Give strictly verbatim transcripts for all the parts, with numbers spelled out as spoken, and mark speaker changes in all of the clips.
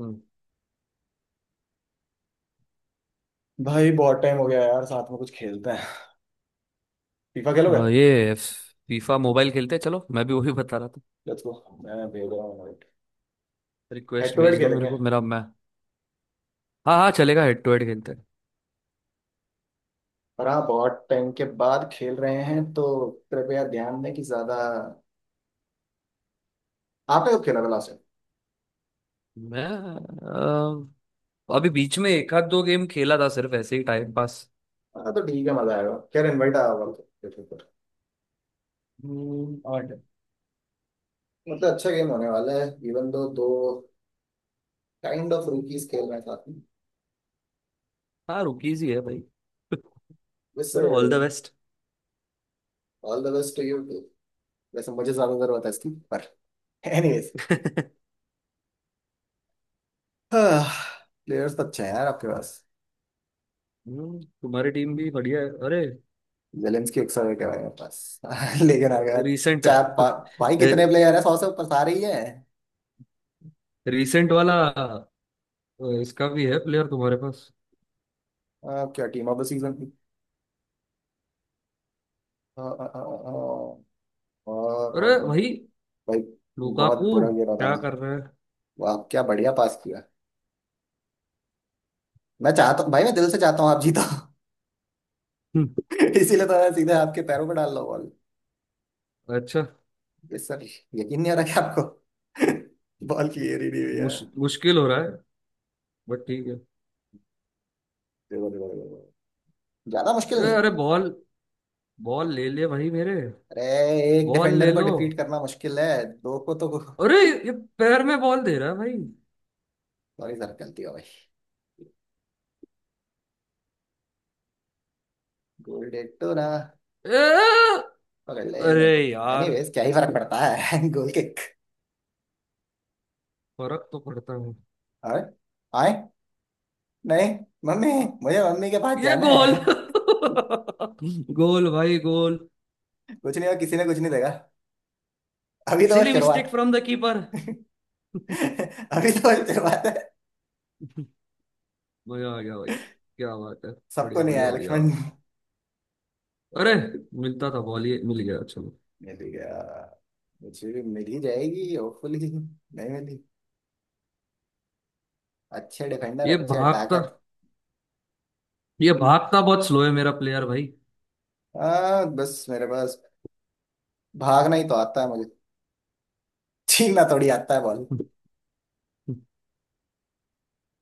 Speaker 1: हम्म।
Speaker 2: भाई, बहुत टाइम हो गया यार, साथ में कुछ खेलते हैं। फीफा
Speaker 1: अ,
Speaker 2: खेलोगे?
Speaker 1: ये फीफा मोबाइल खेलते हैं, चलो मैं भी वही बता रहा था।
Speaker 2: Let's go. मैं भेज रहा हूँ invite। Head
Speaker 1: request
Speaker 2: to head
Speaker 1: भेज दो मेरे
Speaker 2: खेलेंगे।
Speaker 1: को, मेरा मैं हाँ हाँ चलेगा, हेड टू हेड खेलते हैं।
Speaker 2: पर हाँ, बहुत टाइम के बाद खेल रहे हैं तो कृपया ध्यान दें कि ज्यादा। आपने कब खेला था लास्ट टाइम?
Speaker 1: मैं अ, अभी बीच में एक आध दो गेम खेला था, सिर्फ ऐसे ही टाइम पास।
Speaker 2: हाँ, तो ठीक है, मजा आएगा। खैर, इनवाइट आया होगा आपको, देखो पर।
Speaker 1: हम्म, और
Speaker 2: मतलब अच्छा गेम होने वाला है, इवन दो दो काइंड ऑफ रूकीज खेल रहे हैं साथ में।
Speaker 1: हाँ रुकीज ही है भाई।
Speaker 2: यस
Speaker 1: चलो
Speaker 2: sir.
Speaker 1: All the best.
Speaker 2: All the best to you. वैसे मुझे ज्यादा जरूरत है इसकी पर एनीवेज। प्लेयर्स तो अच्छे हैं यार आपके पास।
Speaker 1: हम्म, तुम्हारी टीम भी बढ़िया है अरे।
Speaker 2: जेलेंस्की एक सौ विकेट है बस लेकिन अगर
Speaker 1: रीसेंट,
Speaker 2: चार पा, भाई कितने प्लेयर है, सौ से ऊपर सारे ही हैं।
Speaker 1: रीसेंट वाला अ, इसका भी है प्लेयर तुम्हारे पास।
Speaker 2: अब क्या टीम ऑफ द सीजन की। अ, अ, अ, अ, और और
Speaker 1: अरे
Speaker 2: और-
Speaker 1: भाई
Speaker 2: भाई बहुत
Speaker 1: लुकाकू
Speaker 2: बुरा गिरा था
Speaker 1: क्या
Speaker 2: मैं।
Speaker 1: कर रहा है।
Speaker 2: वाह क्या बढ़िया पास किया। मैं चाहता हूँ भाई, मैं दिल से चाहता हूँ आप जीतो।
Speaker 1: हम्म,
Speaker 2: इसीलिए तो मैं सीधे आपके पैरों पर डाल रहा हूँ बॉल।
Speaker 1: अच्छा।
Speaker 2: ये सर, यकीन नहीं आ रहा क्या आपको? बॉल की एरी नहीं हुई है।
Speaker 1: मुश, मुश्किल हो रहा है, बट ठीक है।
Speaker 2: देखो देखो देखो देखो। ज्यादा मुश्किल
Speaker 1: ए,
Speaker 2: नहीं है।
Speaker 1: अरे बॉल, बॉल ले ले भाई मेरे,
Speaker 2: अरे एक
Speaker 1: बॉल
Speaker 2: डिफेंडर
Speaker 1: ले
Speaker 2: को
Speaker 1: लो।
Speaker 2: डिफीट करना मुश्किल है, दो को तो।
Speaker 1: अरे ये पैर में बॉल दे रहा है भाई।
Speaker 2: सॉरी सर, गलती हो गई। गोल। ना
Speaker 1: ए,
Speaker 2: पकड़ ले, नहीं
Speaker 1: अरे
Speaker 2: पकड़,
Speaker 1: यार,
Speaker 2: एनीवेज क्या ही फर्क पड़ता है गोल किक।
Speaker 1: फर्क तो पड़ता है।
Speaker 2: और आए नहीं। मम्मी, मुझे मम्मी के पास
Speaker 1: ये
Speaker 2: जाना
Speaker 1: गोल
Speaker 2: है।
Speaker 1: गोल भाई गोल।
Speaker 2: कुछ नहीं, और किसी ने कुछ नहीं देगा। अभी तो बस
Speaker 1: सिली मिस्टेक
Speaker 2: शुरुआत।
Speaker 1: From the keeper.
Speaker 2: अभी तो बस शुरुआत है।
Speaker 1: मजा आ गया भाई, क्या बात है।
Speaker 2: सबको
Speaker 1: बढ़िया,
Speaker 2: नहीं
Speaker 1: बढ़िया,
Speaker 2: आया
Speaker 1: बढ़िया।
Speaker 2: लक्ष्मण।
Speaker 1: अरे मिलता था बॉल, ये मिल गया, चलो।
Speaker 2: मिल गया। मुझे भी मिल ही जाएगी होपफुली, नहीं मिली। अच्छे डिफेंडर,
Speaker 1: ये
Speaker 2: अच्छे
Speaker 1: भागता
Speaker 2: अटैकर।
Speaker 1: ये भागता बहुत स्लो है मेरा प्लेयर भाई।
Speaker 2: हाँ बस मेरे पास भागना ही तो आता है मुझे, छीनना थोड़ी आता है बॉल।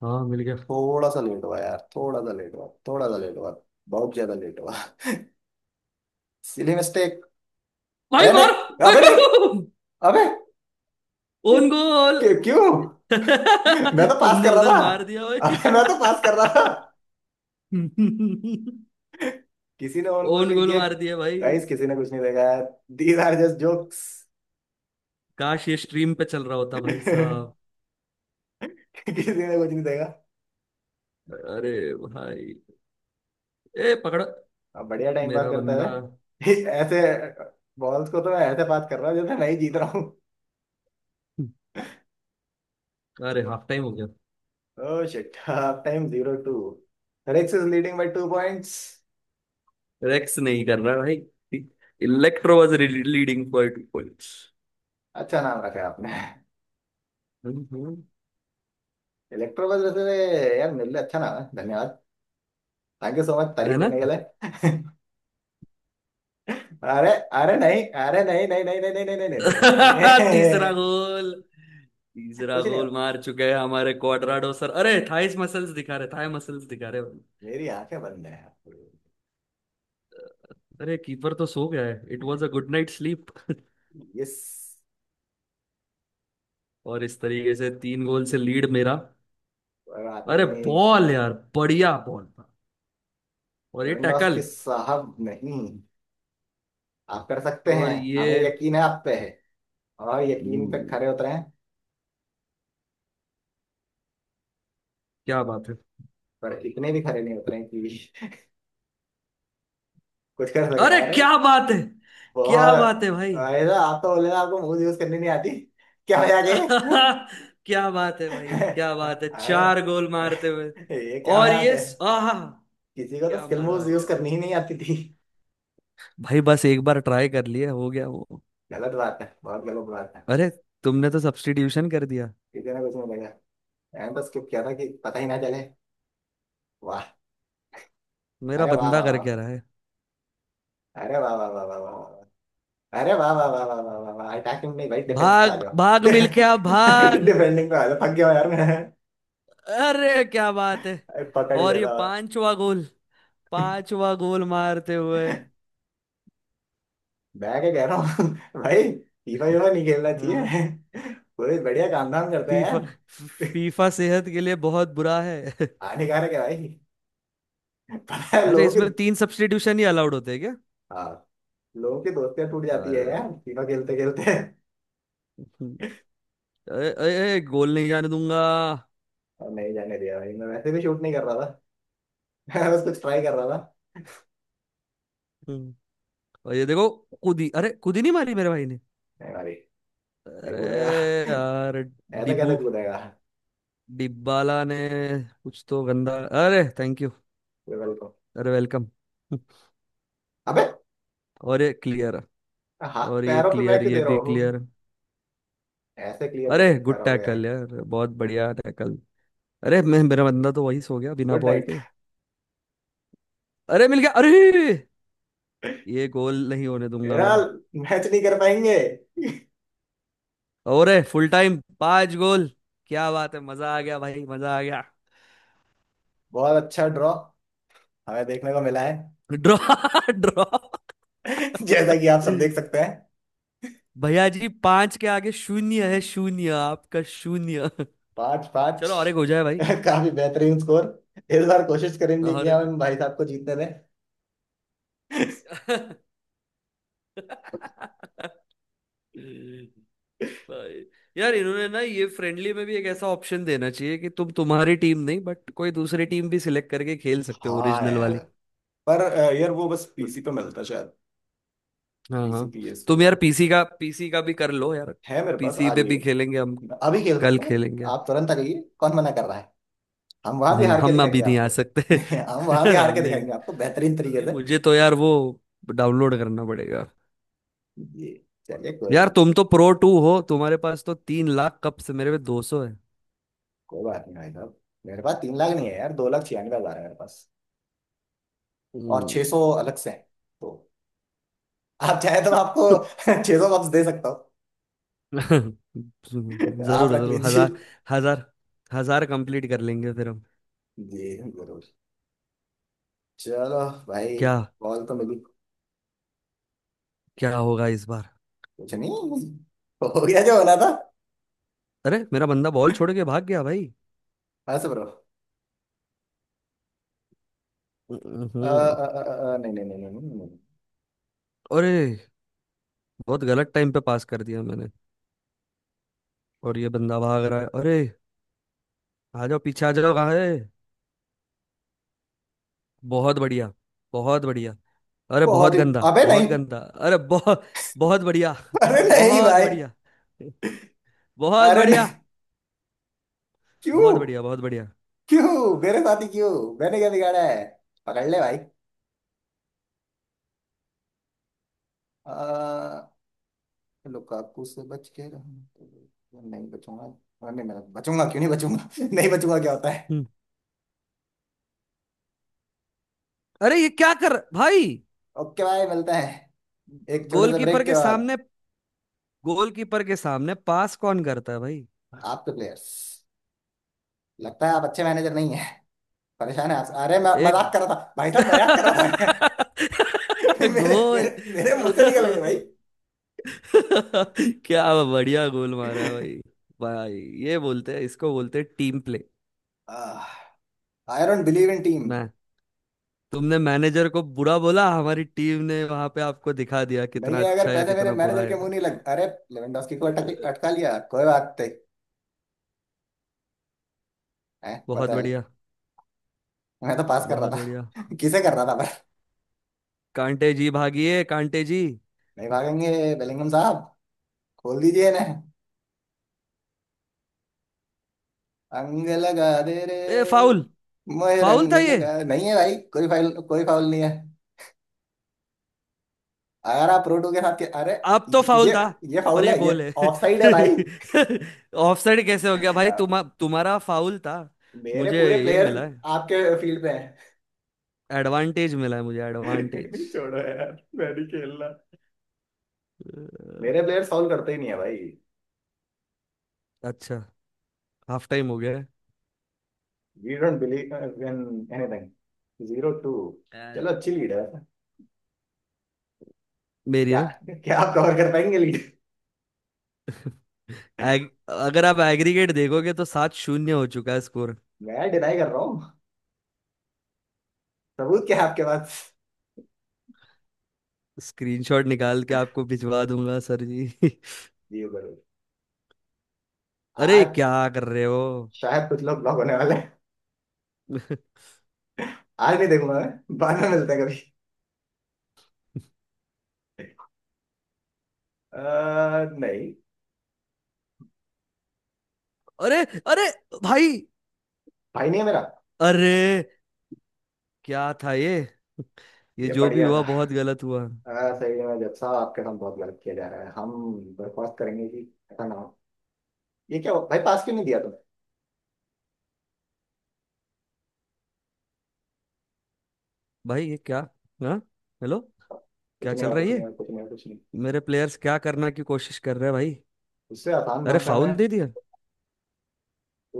Speaker 1: हाँ मिल गया।
Speaker 2: थोड़ा सा लेट हुआ यार, थोड़ा सा लेट हुआ, थोड़ा सा लेट हुआ, बहुत ज्यादा लेट हुआ। Silly mistake.
Speaker 1: भाई
Speaker 2: ए
Speaker 1: मार।
Speaker 2: नहीं, अबे नहीं। अबे,
Speaker 1: ओन गोल।
Speaker 2: क्यों क्यों? मैं तो पास
Speaker 1: तुमने
Speaker 2: कर रहा
Speaker 1: उधर मार दिया
Speaker 2: था,
Speaker 1: भाई।
Speaker 2: अबे मैं तो पास कर रहा था। किसी ने ऑन गोल
Speaker 1: ओन
Speaker 2: नहीं
Speaker 1: गोल
Speaker 2: किया।
Speaker 1: मार दिया भाई।
Speaker 2: गाइस किसी ने कुछ नहीं देखा यार, दीज आर जस्ट जोक्स।
Speaker 1: काश ये स्ट्रीम पे चल रहा होता भाई साहब।
Speaker 2: किसी ने कुछ नहीं देखा।
Speaker 1: अरे भाई, ए पकड़ा
Speaker 2: अब बढ़िया टाइम पास
Speaker 1: मेरा
Speaker 2: करते
Speaker 1: बंदा।
Speaker 2: हुए ऐसे बॉल्स को तो मैं ऐसे पास कर रहा हूँ जैसे मैं ही जीत रहा हूँ।
Speaker 1: अरे हाफ टाइम हो गया।
Speaker 2: Oh shit, half time zero two. Rix is leading by two points.
Speaker 1: Rex नहीं कर रहा भाई, Electro was leading for two points.
Speaker 2: अच्छा नाम रखा है आपने। इलेक्ट्रो, बस वैसे यार मिल रहा, अच्छा नाम है, धन्यवाद। थैंक यू सो मच
Speaker 1: है
Speaker 2: तारीफ
Speaker 1: ना।
Speaker 2: करने के लिए। अरे, अरे नहीं, अरे नहीं नहीं नहीं नहीं नहीं नहीं नहीं नहीं नहीं नहीं
Speaker 1: तीसरा
Speaker 2: नहीं।
Speaker 1: गोल, तीसरा
Speaker 2: कुछ नहीं हो,
Speaker 1: गोल मार चुके हैं हमारे क्वाड्राडो सर। अरे थाइस मसल्स दिखा रहे, थाई मसल्स दिखा रहे भाई।
Speaker 2: मेरी आंखें बंद है।
Speaker 1: अरे कीपर तो सो गया है, it was a good night sleep.
Speaker 2: Yes.
Speaker 1: और इस तरीके से तीन गोल से लीड मेरा।
Speaker 2: बात
Speaker 1: अरे
Speaker 2: नहीं।
Speaker 1: बॉल यार, बढ़िया बॉल था। और ये टैकल,
Speaker 2: लेवेंडोस्की साहब, नहीं आप कर सकते
Speaker 1: और
Speaker 2: हैं,
Speaker 1: ये।
Speaker 2: हमें यकीन है आप पे है, और यकीन पे
Speaker 1: हम्म,
Speaker 2: खरे उतरे हैं।
Speaker 1: क्या बात है।
Speaker 2: पर इतने भी खरे नहीं उतरे हैं कि कुछ कर सके,
Speaker 1: अरे
Speaker 2: अरे।
Speaker 1: क्या बात है। क्या बात
Speaker 2: बहुत।
Speaker 1: है भाई।
Speaker 2: अरे, आप तो बोले ना आपको मूव यूज करनी नहीं आती, क्या मजाक है।
Speaker 1: क्या बात है भाई, क्या बात है, चार
Speaker 2: अरे
Speaker 1: गोल मारते हुए।
Speaker 2: ये क्या
Speaker 1: और
Speaker 2: मजाक
Speaker 1: ये
Speaker 2: है।
Speaker 1: आहा,
Speaker 2: किसी को तो
Speaker 1: क्या
Speaker 2: स्किल
Speaker 1: मजा आ
Speaker 2: मूव्स यूज
Speaker 1: गया भाई।
Speaker 2: करनी ही नहीं आती थी।
Speaker 1: भाई बस एक बार ट्राई कर लिए, हो गया वो।
Speaker 2: गलत बात है, बहुत गलत बात है।
Speaker 1: अरे तुमने तो सब्स्टिट्यूशन कर दिया।
Speaker 2: किसी ने कुछ नहीं देखा। मैंने तो स्किप किया था कि पता ही ना चले। वाह।
Speaker 1: मेरा
Speaker 2: अरे वाह
Speaker 1: बंदा
Speaker 2: वाह
Speaker 1: कर
Speaker 2: वाह।
Speaker 1: क्या रहा है।
Speaker 2: अरे वाह वाह वाह वाह वाह वाह। अरे वाह वाह वाह वाह वाह वाह वाह, अटैकिंग नहीं भाई, डिफेंस पे आ
Speaker 1: भाग
Speaker 2: जाओ।
Speaker 1: भाग, मिलके आप भाग।
Speaker 2: डिफेंडिंग पे आ जाओ, थक गया हूं यार मैं।
Speaker 1: अरे क्या बात है।
Speaker 2: पकड़ ही
Speaker 1: और ये
Speaker 2: लेता।
Speaker 1: पांचवा गोल, पांचवा गोल मारते हुए।
Speaker 2: मैं क्या कह रहा हूँ भाई फीफा वीफा नहीं खेलना
Speaker 1: हाँ, हाँ।
Speaker 2: चाहिए, पूरे बढ़िया काम धाम करते हैं
Speaker 1: फीफा,
Speaker 2: यार।
Speaker 1: फीफा सेहत के लिए बहुत बुरा है।
Speaker 2: हानिकारक है भाई। पता है
Speaker 1: अच्छा
Speaker 2: लोग।
Speaker 1: इसमें तीन सब्स्टिट्यूशन ही अलाउड होते हैं क्या।
Speaker 2: हाँ। लोगों की दोस्तियां टूट जाती है
Speaker 1: अरे,
Speaker 2: यार तीनों खेलते खेलते।
Speaker 1: अरे- अरे, गोल नहीं जाने दूंगा।
Speaker 2: और नहीं जाने दिया भाई, मैं वैसे भी शूट नहीं कर रहा था। मैं बस कुछ ट्राई कर रहा था।
Speaker 1: हम्म, और ये देखो, कुदी, अरे कुदी नहीं मारी मेरे भाई ने।
Speaker 2: नहीं भाई, नहीं
Speaker 1: अरे
Speaker 2: कूदेगा,
Speaker 1: यार
Speaker 2: ऐसा कैसे
Speaker 1: डिब्बू,
Speaker 2: कूदेगा।
Speaker 1: डिब्बाला ने कुछ तो गंदा। अरे थैंक यू।
Speaker 2: गूगल को।
Speaker 1: अरे वेलकम।
Speaker 2: अबे।
Speaker 1: और ये क्लियर,
Speaker 2: हाँ,
Speaker 1: और ये
Speaker 2: पैरों पे मैं
Speaker 1: क्लियर,
Speaker 2: क्यों
Speaker 1: ये
Speaker 2: दे रहा
Speaker 1: भी
Speaker 2: हूँ,
Speaker 1: क्लियर।
Speaker 2: ऐसे क्लियर कैसे
Speaker 1: अरे गुड
Speaker 2: करोगे।
Speaker 1: टैकल यार, बहुत बढ़िया टैकल। अरे मैं, मेरा बंदा तो वही सो गया बिना
Speaker 2: गुड
Speaker 1: बॉल
Speaker 2: नाइट।
Speaker 1: के। अरे मिल गया अरे, ये गोल नहीं होने दूंगा मैं।
Speaker 2: यार मैच नहीं कर पाएंगे।
Speaker 1: और फुल टाइम पांच गोल। क्या बात है, मजा आ गया भाई, मजा आ गया।
Speaker 2: बहुत अच्छा ड्रॉ हमें देखने को मिला है।
Speaker 1: Draw, draw.
Speaker 2: जैसा कि आप सब देख सकते हैं।
Speaker 1: भैया जी, पांच के आगे शून्य है, शून्य आपका शून्य।
Speaker 2: पाँच पाँच।
Speaker 1: चलो और एक हो जाए भाई,
Speaker 2: काफी बेहतरीन स्कोर। इस बार कोशिश करेंगे कि
Speaker 1: और
Speaker 2: हम भाई साहब को जीतने दें।
Speaker 1: एक। भाई यार, इन्होंने ना, ये फ्रेंडली में भी एक ऐसा ऑप्शन देना चाहिए कि तुम, तुम्हारी टीम नहीं बट कोई दूसरी टीम भी सिलेक्ट करके खेल सकते हो,
Speaker 2: हाँ
Speaker 1: ओरिजिनल
Speaker 2: यार।
Speaker 1: वाली।
Speaker 2: पर अ, यार वो बस पीसी पे मिलता है शायद।
Speaker 1: हाँ
Speaker 2: पीसी
Speaker 1: हाँ,
Speaker 2: पीएस
Speaker 1: तुम यार
Speaker 2: होगा।
Speaker 1: पीसी का पीसी का भी कर लो यार।
Speaker 2: है मेरे पास,
Speaker 1: पीसी
Speaker 2: आ
Speaker 1: पे भी
Speaker 2: जाइए।
Speaker 1: खेलेंगे हम,
Speaker 2: अभी खेल
Speaker 1: कल
Speaker 2: सकता हूँ।
Speaker 1: खेलेंगे।
Speaker 2: आप तुरंत आ जाइए, कौन मना कर रहा है। हम वहां भी
Speaker 1: नहीं
Speaker 2: हार के
Speaker 1: हम
Speaker 2: दिखाएंगे
Speaker 1: अभी नहीं आ
Speaker 2: आपको।
Speaker 1: सकते।
Speaker 2: नहीं हम वहां भी हार के
Speaker 1: हमने,
Speaker 2: दिखाएंगे आपको बेहतरीन तरीके
Speaker 1: ये
Speaker 2: से।
Speaker 1: मुझे तो यार वो डाउनलोड करना पड़ेगा।
Speaker 2: जी, चलिए कोई
Speaker 1: यार
Speaker 2: नहीं।
Speaker 1: तुम तो प्रो टू हो, तुम्हारे पास तो तीन लाख कप्स, मेरे पे दो सौ है।
Speaker 2: कोई बात नहीं भाई साहब। मेरे पास तीन लाख नहीं है यार, दो लाख छियानवे हजार है मेरे पास। और
Speaker 1: हम्म।
Speaker 2: छह सौ अलग से हैं। तो आप चाहे तो मैं आपको छह सौ वापस दे सकता हूँ, आप
Speaker 1: जरूर
Speaker 2: रख
Speaker 1: जरूर।
Speaker 2: लीजिए।
Speaker 1: हजार, हजार, हजार कंप्लीट कर लेंगे फिर हम।
Speaker 2: जी, जरूर। चलो भाई।
Speaker 1: क्या,
Speaker 2: कॉल तो मिली।
Speaker 1: क्या होगा इस बार।
Speaker 2: कुछ नहीं, हो गया जो होना था।
Speaker 1: अरे मेरा बंदा बॉल छोड़ के भाग गया भाई।
Speaker 2: हंस ब्रो। अ,
Speaker 1: हम्म,
Speaker 2: अ, अ, अ, नहीं नहीं नहीं नहीं नहीं, नहीं।
Speaker 1: अरे बहुत गलत टाइम पे पास कर दिया मैंने, और ये बंदा भाग रहा है। अरे आ जाओ, पीछे आ जाओ, कहाँ है। बहुत बढ़िया, बहुत बढ़िया। अरे बहुत
Speaker 2: बहुत ही।
Speaker 1: गंदा,
Speaker 2: अबे
Speaker 1: बहुत
Speaker 2: नहीं,
Speaker 1: गंदा, अरे बहुत, बहुत बढ़िया,
Speaker 2: अरे नहीं
Speaker 1: बहुत
Speaker 2: भाई,
Speaker 1: बढ़िया, बहुत
Speaker 2: अरे
Speaker 1: बढ़िया,
Speaker 2: नहीं। क्यों,
Speaker 1: बहुत बढ़िया, बहुत बढ़िया।
Speaker 2: क्यों मेरे साथ ही क्यों? मैंने क्या बिगाड़ा है? पकड़ ले भाई। अ, लुकाकू से बच के रहूं, नहीं बचूंगा। अरे नहीं, मैं बचूंगा, क्यों नहीं बचूंगा। नहीं बचूंगा क्या होता है।
Speaker 1: हम्म, अरे ये क्या कर भाई।
Speaker 2: ओके भाई, मिलता है एक छोटे से
Speaker 1: गोलकीपर
Speaker 2: ब्रेक
Speaker 1: के
Speaker 2: के बाद।
Speaker 1: सामने गोलकीपर के सामने पास कौन करता है भाई।
Speaker 2: आपके प्लेयर्स, लगता है आप अच्छे मैनेजर नहीं है, परेशान है आप। अरे मैं
Speaker 1: एक
Speaker 2: मजाक कर रहा था भाई साहब, मजाक कर रहा था। मैं मेरे
Speaker 1: गोल।
Speaker 2: मेरे मेरे मुंह से निकल गए भाई।
Speaker 1: क्या बढ़िया गोल मारा है
Speaker 2: आई
Speaker 1: भाई। भाई ये बोलते हैं, इसको बोलते हैं team play.
Speaker 2: Don't believe in team.
Speaker 1: मैं, तुमने मैनेजर को बुरा बोला, हमारी टीम ने वहां पे आपको दिखा दिया
Speaker 2: नहीं
Speaker 1: कितना
Speaker 2: है, अगर
Speaker 1: अच्छा या
Speaker 2: पैसे मेरे
Speaker 1: कितना बुरा
Speaker 2: मैनेजर के
Speaker 1: है
Speaker 2: मुंह
Speaker 1: मैं।
Speaker 2: नहीं लग, अरे। लेवेंडोस्की को अटक, अटका लिया, कोई बात नहीं है,
Speaker 1: बहुत
Speaker 2: पता है।
Speaker 1: बढ़िया,
Speaker 2: मैं तो पास कर रहा
Speaker 1: बहुत बढ़िया।
Speaker 2: था किसे कर रहा था पर।
Speaker 1: कांटे जी भागिए कांटे जी।
Speaker 2: नहीं भागेंगे बेलिंगम साहब, खोल दीजिए ना। अंग लगा दे रे,
Speaker 1: ए फाउल,
Speaker 2: मोहे
Speaker 1: फाउल
Speaker 2: रंग
Speaker 1: था ये,
Speaker 2: लगा। नहीं है भाई, कोई फाउल, कोई फाउल नहीं है, अगर आप रोडू के साथ के, अरे।
Speaker 1: अब तो
Speaker 2: ये
Speaker 1: फाउल
Speaker 2: ये
Speaker 1: था,
Speaker 2: ये
Speaker 1: पर
Speaker 2: फाउल
Speaker 1: ये
Speaker 2: है ये।
Speaker 1: गोल है।
Speaker 2: ऑफ साइड है भाई।
Speaker 1: ऑफसाइड कैसे हो गया भाई,
Speaker 2: अ,
Speaker 1: तुम तुम्हारा फाउल था।
Speaker 2: मेरे
Speaker 1: मुझे,
Speaker 2: पूरे
Speaker 1: ये
Speaker 2: प्लेयर्स
Speaker 1: मिला है,
Speaker 2: आपके फील्ड पे
Speaker 1: एडवांटेज मिला है मुझे,
Speaker 2: हैं।
Speaker 1: एडवांटेज।
Speaker 2: छोड़ो यार, मैं नहीं खेलना, मेरे प्लेयर सॉल्व करते ही नहीं है भाई।
Speaker 1: अच्छा, हाफ टाइम हो गया है।
Speaker 2: We don't believe in anything. Zero two,
Speaker 1: अ,
Speaker 2: चलो अच्छी लीड है।
Speaker 1: मेरी
Speaker 2: क्या,
Speaker 1: ना,
Speaker 2: क्या आप कवर कर पाएंगे लीड?
Speaker 1: एग, अगर आप एग्रीगेट देखोगे तो सात शून्य हो चुका है स्कोर।
Speaker 2: मैं डिनाई कर रहा हूँ, सबूत क्या है आपके पास?
Speaker 1: स्क्रीनशॉट निकाल के आपको भिजवा दूंगा सर जी।
Speaker 2: दियो करो।
Speaker 1: अरे
Speaker 2: आज
Speaker 1: क्या कर रहे हो।
Speaker 2: शायद कुछ लोग ब्लॉक होने वाले हैं। आज नहीं देखूंगा मैं, बाद में मिलते हैं कभी। अह, नहीं,
Speaker 1: अरे, अरे भाई,
Speaker 2: भाई नहीं है मेरा।
Speaker 1: अरे क्या था ये। ये
Speaker 2: ये
Speaker 1: जो भी
Speaker 2: बढ़िया
Speaker 1: हुआ
Speaker 2: था।
Speaker 1: बहुत गलत हुआ।
Speaker 2: अह, सही है, मैं जब साहब आपके साथ बहुत गलत किया जा रहा है, हम बर्खास्त करेंगे कि ऐसा ना हो। ये क्या हुआ? भाई पास क्यों नहीं दिया तुमने?
Speaker 1: भाई ये क्या, हाँ हेलो,
Speaker 2: कुछ
Speaker 1: क्या
Speaker 2: नहीं
Speaker 1: चल
Speaker 2: हुआ,
Speaker 1: रहा है
Speaker 2: कुछ
Speaker 1: ये।
Speaker 2: नहीं हुआ, कुछ नहीं हुआ, कुछ नहीं।
Speaker 1: मेरे प्लेयर्स क्या करना की कोशिश कर रहे हैं भाई।
Speaker 2: उससे आसान
Speaker 1: अरे
Speaker 2: भाषा में,
Speaker 1: फाउल दे दिया।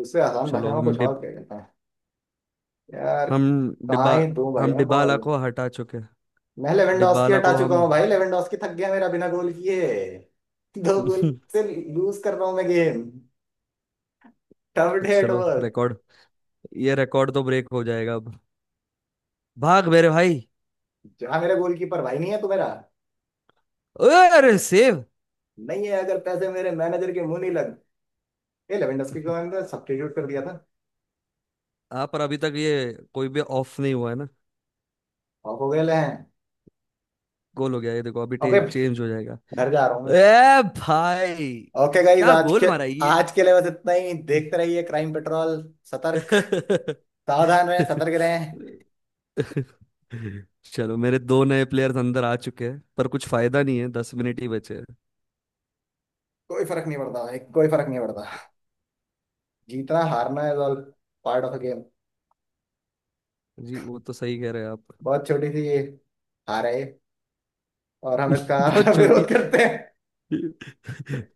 Speaker 2: उससे आसान
Speaker 1: चलो
Speaker 2: भाषा में
Speaker 1: हम
Speaker 2: कुछ और
Speaker 1: डिब
Speaker 2: कह देते हैं यार।
Speaker 1: हम
Speaker 2: कहाँ
Speaker 1: डिब्बा
Speaker 2: ही दूं भाई
Speaker 1: हम
Speaker 2: मैं
Speaker 1: डिबाला
Speaker 2: बॉल।
Speaker 1: को हटा चुके हैं।
Speaker 2: मैं लेवेंडोस्की
Speaker 1: डिबाला
Speaker 2: हटा
Speaker 1: को
Speaker 2: चुका
Speaker 1: हम।
Speaker 2: हूँ भाई, लेवेंडोस्की थक गया मेरा बिना गोल किए। दो गोल से लूज कर रहा हूँ मैं गेम। टफ डे एट
Speaker 1: चलो
Speaker 2: वर्क।
Speaker 1: रिकॉर्ड, ये रिकॉर्ड तो ब्रेक हो जाएगा अब। भाग मेरे भाई।
Speaker 2: जहाँ मेरा गोलकीपर भाई नहीं है तो मेरा,
Speaker 1: ओए, अरे सेव।
Speaker 2: नहीं है अगर पैसे मेरे मैनेजर के मुंह नहीं लग। ये लेवेंडोस्की को मैंने सब्स्टिट्यूट कर दिया था।
Speaker 1: हाँ पर अभी तक ये कोई भी ऑफ नहीं हुआ है ना।
Speaker 2: ऑफ हो गए ले हैं।
Speaker 1: गोल हो गया ये देखो, अभी
Speaker 2: अबे,
Speaker 1: चेंज हो जाएगा।
Speaker 2: घर जा रहा हूँ मैं।
Speaker 1: ए भाई,
Speaker 2: ओके गाइज,
Speaker 1: क्या
Speaker 2: आज के,
Speaker 1: गोल मारा है ये।
Speaker 2: आज के लिए बस इतना ही, देखते रहिए क्राइम पेट्रोल। सतर्क, सावधान रहें, सतर्क रहें।
Speaker 1: चलो मेरे दो नए प्लेयर्स अंदर आ चुके हैं, पर कुछ फायदा नहीं है, दस मिनट ही बचे हैं।
Speaker 2: कोई फर्क नहीं पड़ता भाई, कोई फर्क नहीं पड़ता। जीतना हारना is all part of a game.
Speaker 1: जी वो तो सही कह रहे हैं आप।
Speaker 2: बहुत छोटी सी ये हार है ये, और हम इसका
Speaker 1: बहुत छोटी,
Speaker 2: विरोध करते हैं।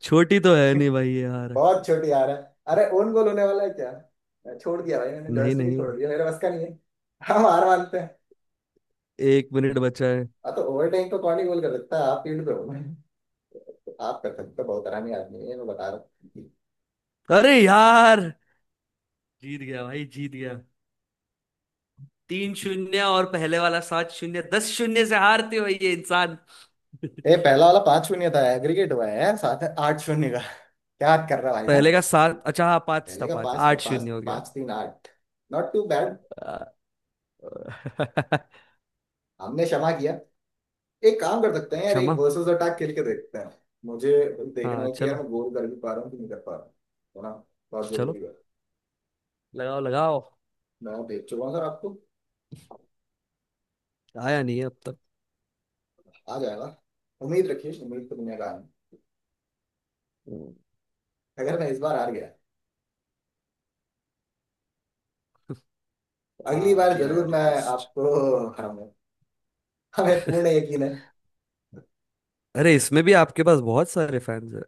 Speaker 1: छोटी तो है नहीं भाई यार।
Speaker 2: बहुत छोटी हार है। अरे ओन गोल होने वाला है क्या? मैं छोड़ दिया भाई, मैंने
Speaker 1: नहीं
Speaker 2: जॉयस्टिक ही
Speaker 1: नहीं,
Speaker 2: छोड़ दिया, मेरे बस का नहीं है। हम हार मानते हैं।
Speaker 1: एक मिनट बचा है।
Speaker 2: हाँ तो ओवरटाइम तो कौन ही गोल कर सकता है, आप फील्ड पे हो तो आप कर सकते हो। बहुत आरामी आदमी है ये, मैं बता रहा हूँ।
Speaker 1: अरे यार जीत गया भाई, जीत गया। तीन शून्य, और पहले वाला सात शून्य, दस शून्य से हारते हो ये इंसान।
Speaker 2: ये पहला वाला पांच शून्य था, एग्रीगेट हुआ है यार साथ है आठ शून्य का। क्या बात कर रहा है भाई
Speaker 1: पहले
Speaker 2: साहब,
Speaker 1: का सात, अच्छा हाँ पांच
Speaker 2: पहले
Speaker 1: था,
Speaker 2: का
Speaker 1: पांच,
Speaker 2: पांच था,
Speaker 1: आठ
Speaker 2: पांच
Speaker 1: शून्य हो गया।
Speaker 2: पांच तीन आठ। Not too bad. हमने क्षमा किया। एक काम कर सकते हैं यार, एक
Speaker 1: क्षमा।
Speaker 2: वर्सेस अटैक खेल के देखते हैं। मुझे देखना
Speaker 1: हाँ
Speaker 2: है कि यार
Speaker 1: चलो,
Speaker 2: मैं गोल कर भी पा रहा हूँ कि नहीं कर पा रहा हूँ, है ना। बहुत
Speaker 1: चलो
Speaker 2: जरूरी है।
Speaker 1: लगाओ लगाओ।
Speaker 2: मैं भेज चुका हूँ सर आपको।
Speaker 1: आया नहीं है अब तक।
Speaker 2: आ जाएगा, उम्मीद रखिए, उम्मीद तो दुनिया का आनी।
Speaker 1: हम्म,
Speaker 2: अगर मैं इस बार हार गया तो
Speaker 1: आ,
Speaker 2: अगली बार
Speaker 1: अभी
Speaker 2: जरूर
Speaker 1: आया
Speaker 2: मैं
Speaker 1: रिक्वेस्ट।
Speaker 2: आपको हराऊंगा, हमें पूर्ण यकीन है।
Speaker 1: अरे इसमें भी आपके पास बहुत सारे फैंस हैं।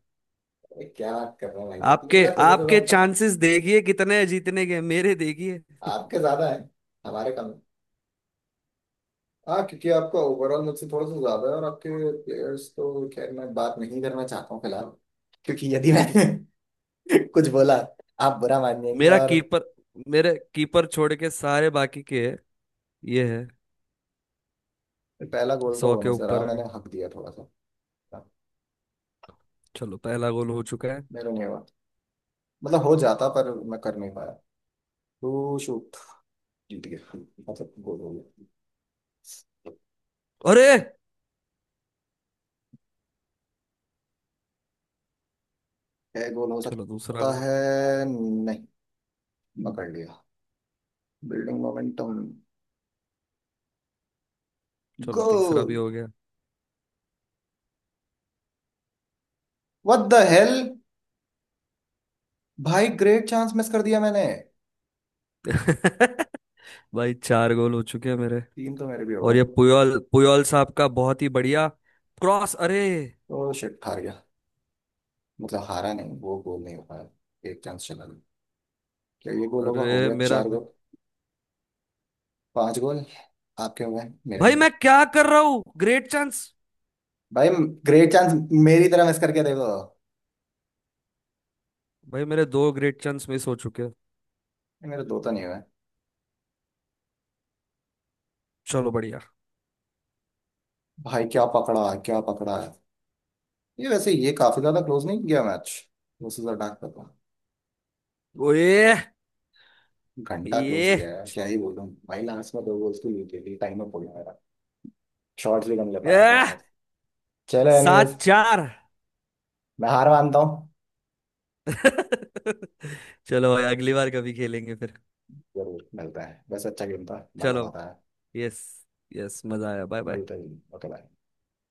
Speaker 2: अरे क्या बात कर रहे हैं भाई साहब, तीन
Speaker 1: आपके,
Speaker 2: लाख उन्नीस
Speaker 1: आपके
Speaker 2: हजार का फ़र्क।
Speaker 1: चांसेस देखिए कितने हैं जीतने के, मेरे देखिए।
Speaker 2: आपके ज्यादा है, हमारे कम है। हाँ क्योंकि आपका ओवरऑल मुझसे थोड़ा सा ज्यादा है, और आपके प्लेयर्स तो खैर मैं बात नहीं करना चाहता हूँ फिलहाल, क्योंकि यदि मैं कुछ बोला आप बुरा मान जाएंगे
Speaker 1: मेरा
Speaker 2: और।
Speaker 1: कीपर, मेरे कीपर छोड़ के सारे बाकी के, ये है
Speaker 2: पहला गोल तो
Speaker 1: सौ
Speaker 2: हो
Speaker 1: के
Speaker 2: नहीं सर,
Speaker 1: ऊपर है।
Speaker 2: मैंने हक दिया थोड़ा सा।
Speaker 1: चलो पहला गोल हो चुका है।
Speaker 2: मेरा नहीं हुआ, मतलब हो जाता पर मैं कर नहीं पाया टू शूट। जीत गया, मतलब गोल हो गया।
Speaker 1: अरे
Speaker 2: क्या गोल हो
Speaker 1: चलो दूसरा
Speaker 2: सकता
Speaker 1: गोल।
Speaker 2: है? नहीं, पकड़ लिया। Building momentum.
Speaker 1: चलो तीसरा
Speaker 2: गोल।
Speaker 1: भी हो गया।
Speaker 2: व्हाट द हेल, भाई ग्रेट चांस मिस कर दिया मैंने।
Speaker 1: भाई चार गोल हो चुके हैं मेरे।
Speaker 2: तीन तो मेरे भी हो
Speaker 1: और
Speaker 2: गए।
Speaker 1: ये पुयोल, पुयोल साहब का बहुत ही बढ़िया क्रॉस अरे।
Speaker 2: तो शिट, हार गया, मतलब हारा नहीं, वो गोल नहीं हो पाया, एक चांस चला गया। क्या ये गोल होगा? हो
Speaker 1: अरे
Speaker 2: गया,
Speaker 1: मेरा,
Speaker 2: चार गोल। पांच गोल आपके हो गए, मेरे
Speaker 1: भाई
Speaker 2: नहीं।
Speaker 1: मैं क्या कर रहा हूँ ग्रेट चांस।
Speaker 2: भाई ग्रेट चांस, मेरी तरह मिस करके देखो।
Speaker 1: भाई मेरे दो ग्रेट चांस मिस हो चुके हैं।
Speaker 2: ये मेरे दो तो नहीं हुए।
Speaker 1: चलो बढ़िया।
Speaker 2: भाई क्या पकड़ा, क्या पकड़ा है। ये वैसे ये काफी ज्यादा क्लोज नहीं किया मैच वर्सेस अटैक का तो।
Speaker 1: ओए,
Speaker 2: घंटा क्लोज किया
Speaker 1: ये,
Speaker 2: है, क्या ही बोलूं भाई, लास्ट में दो गोल्स की लीड थी, टाइम अप हो गया मेरा। शॉट्स भी कम ले पाया
Speaker 1: ए,
Speaker 2: था। चलो
Speaker 1: सात
Speaker 2: एनीवेज,
Speaker 1: चार
Speaker 2: मैं हार मानता हूँ।
Speaker 1: चलो भाई, अगली बार कभी खेलेंगे फिर।
Speaker 2: जरूर मिलते हैं, वैसे अच्छा गेम था,
Speaker 1: चलो,
Speaker 2: मजा आता है।
Speaker 1: यस, यस मजा आया, बाय बाय।
Speaker 2: मिलते हैं। ओके।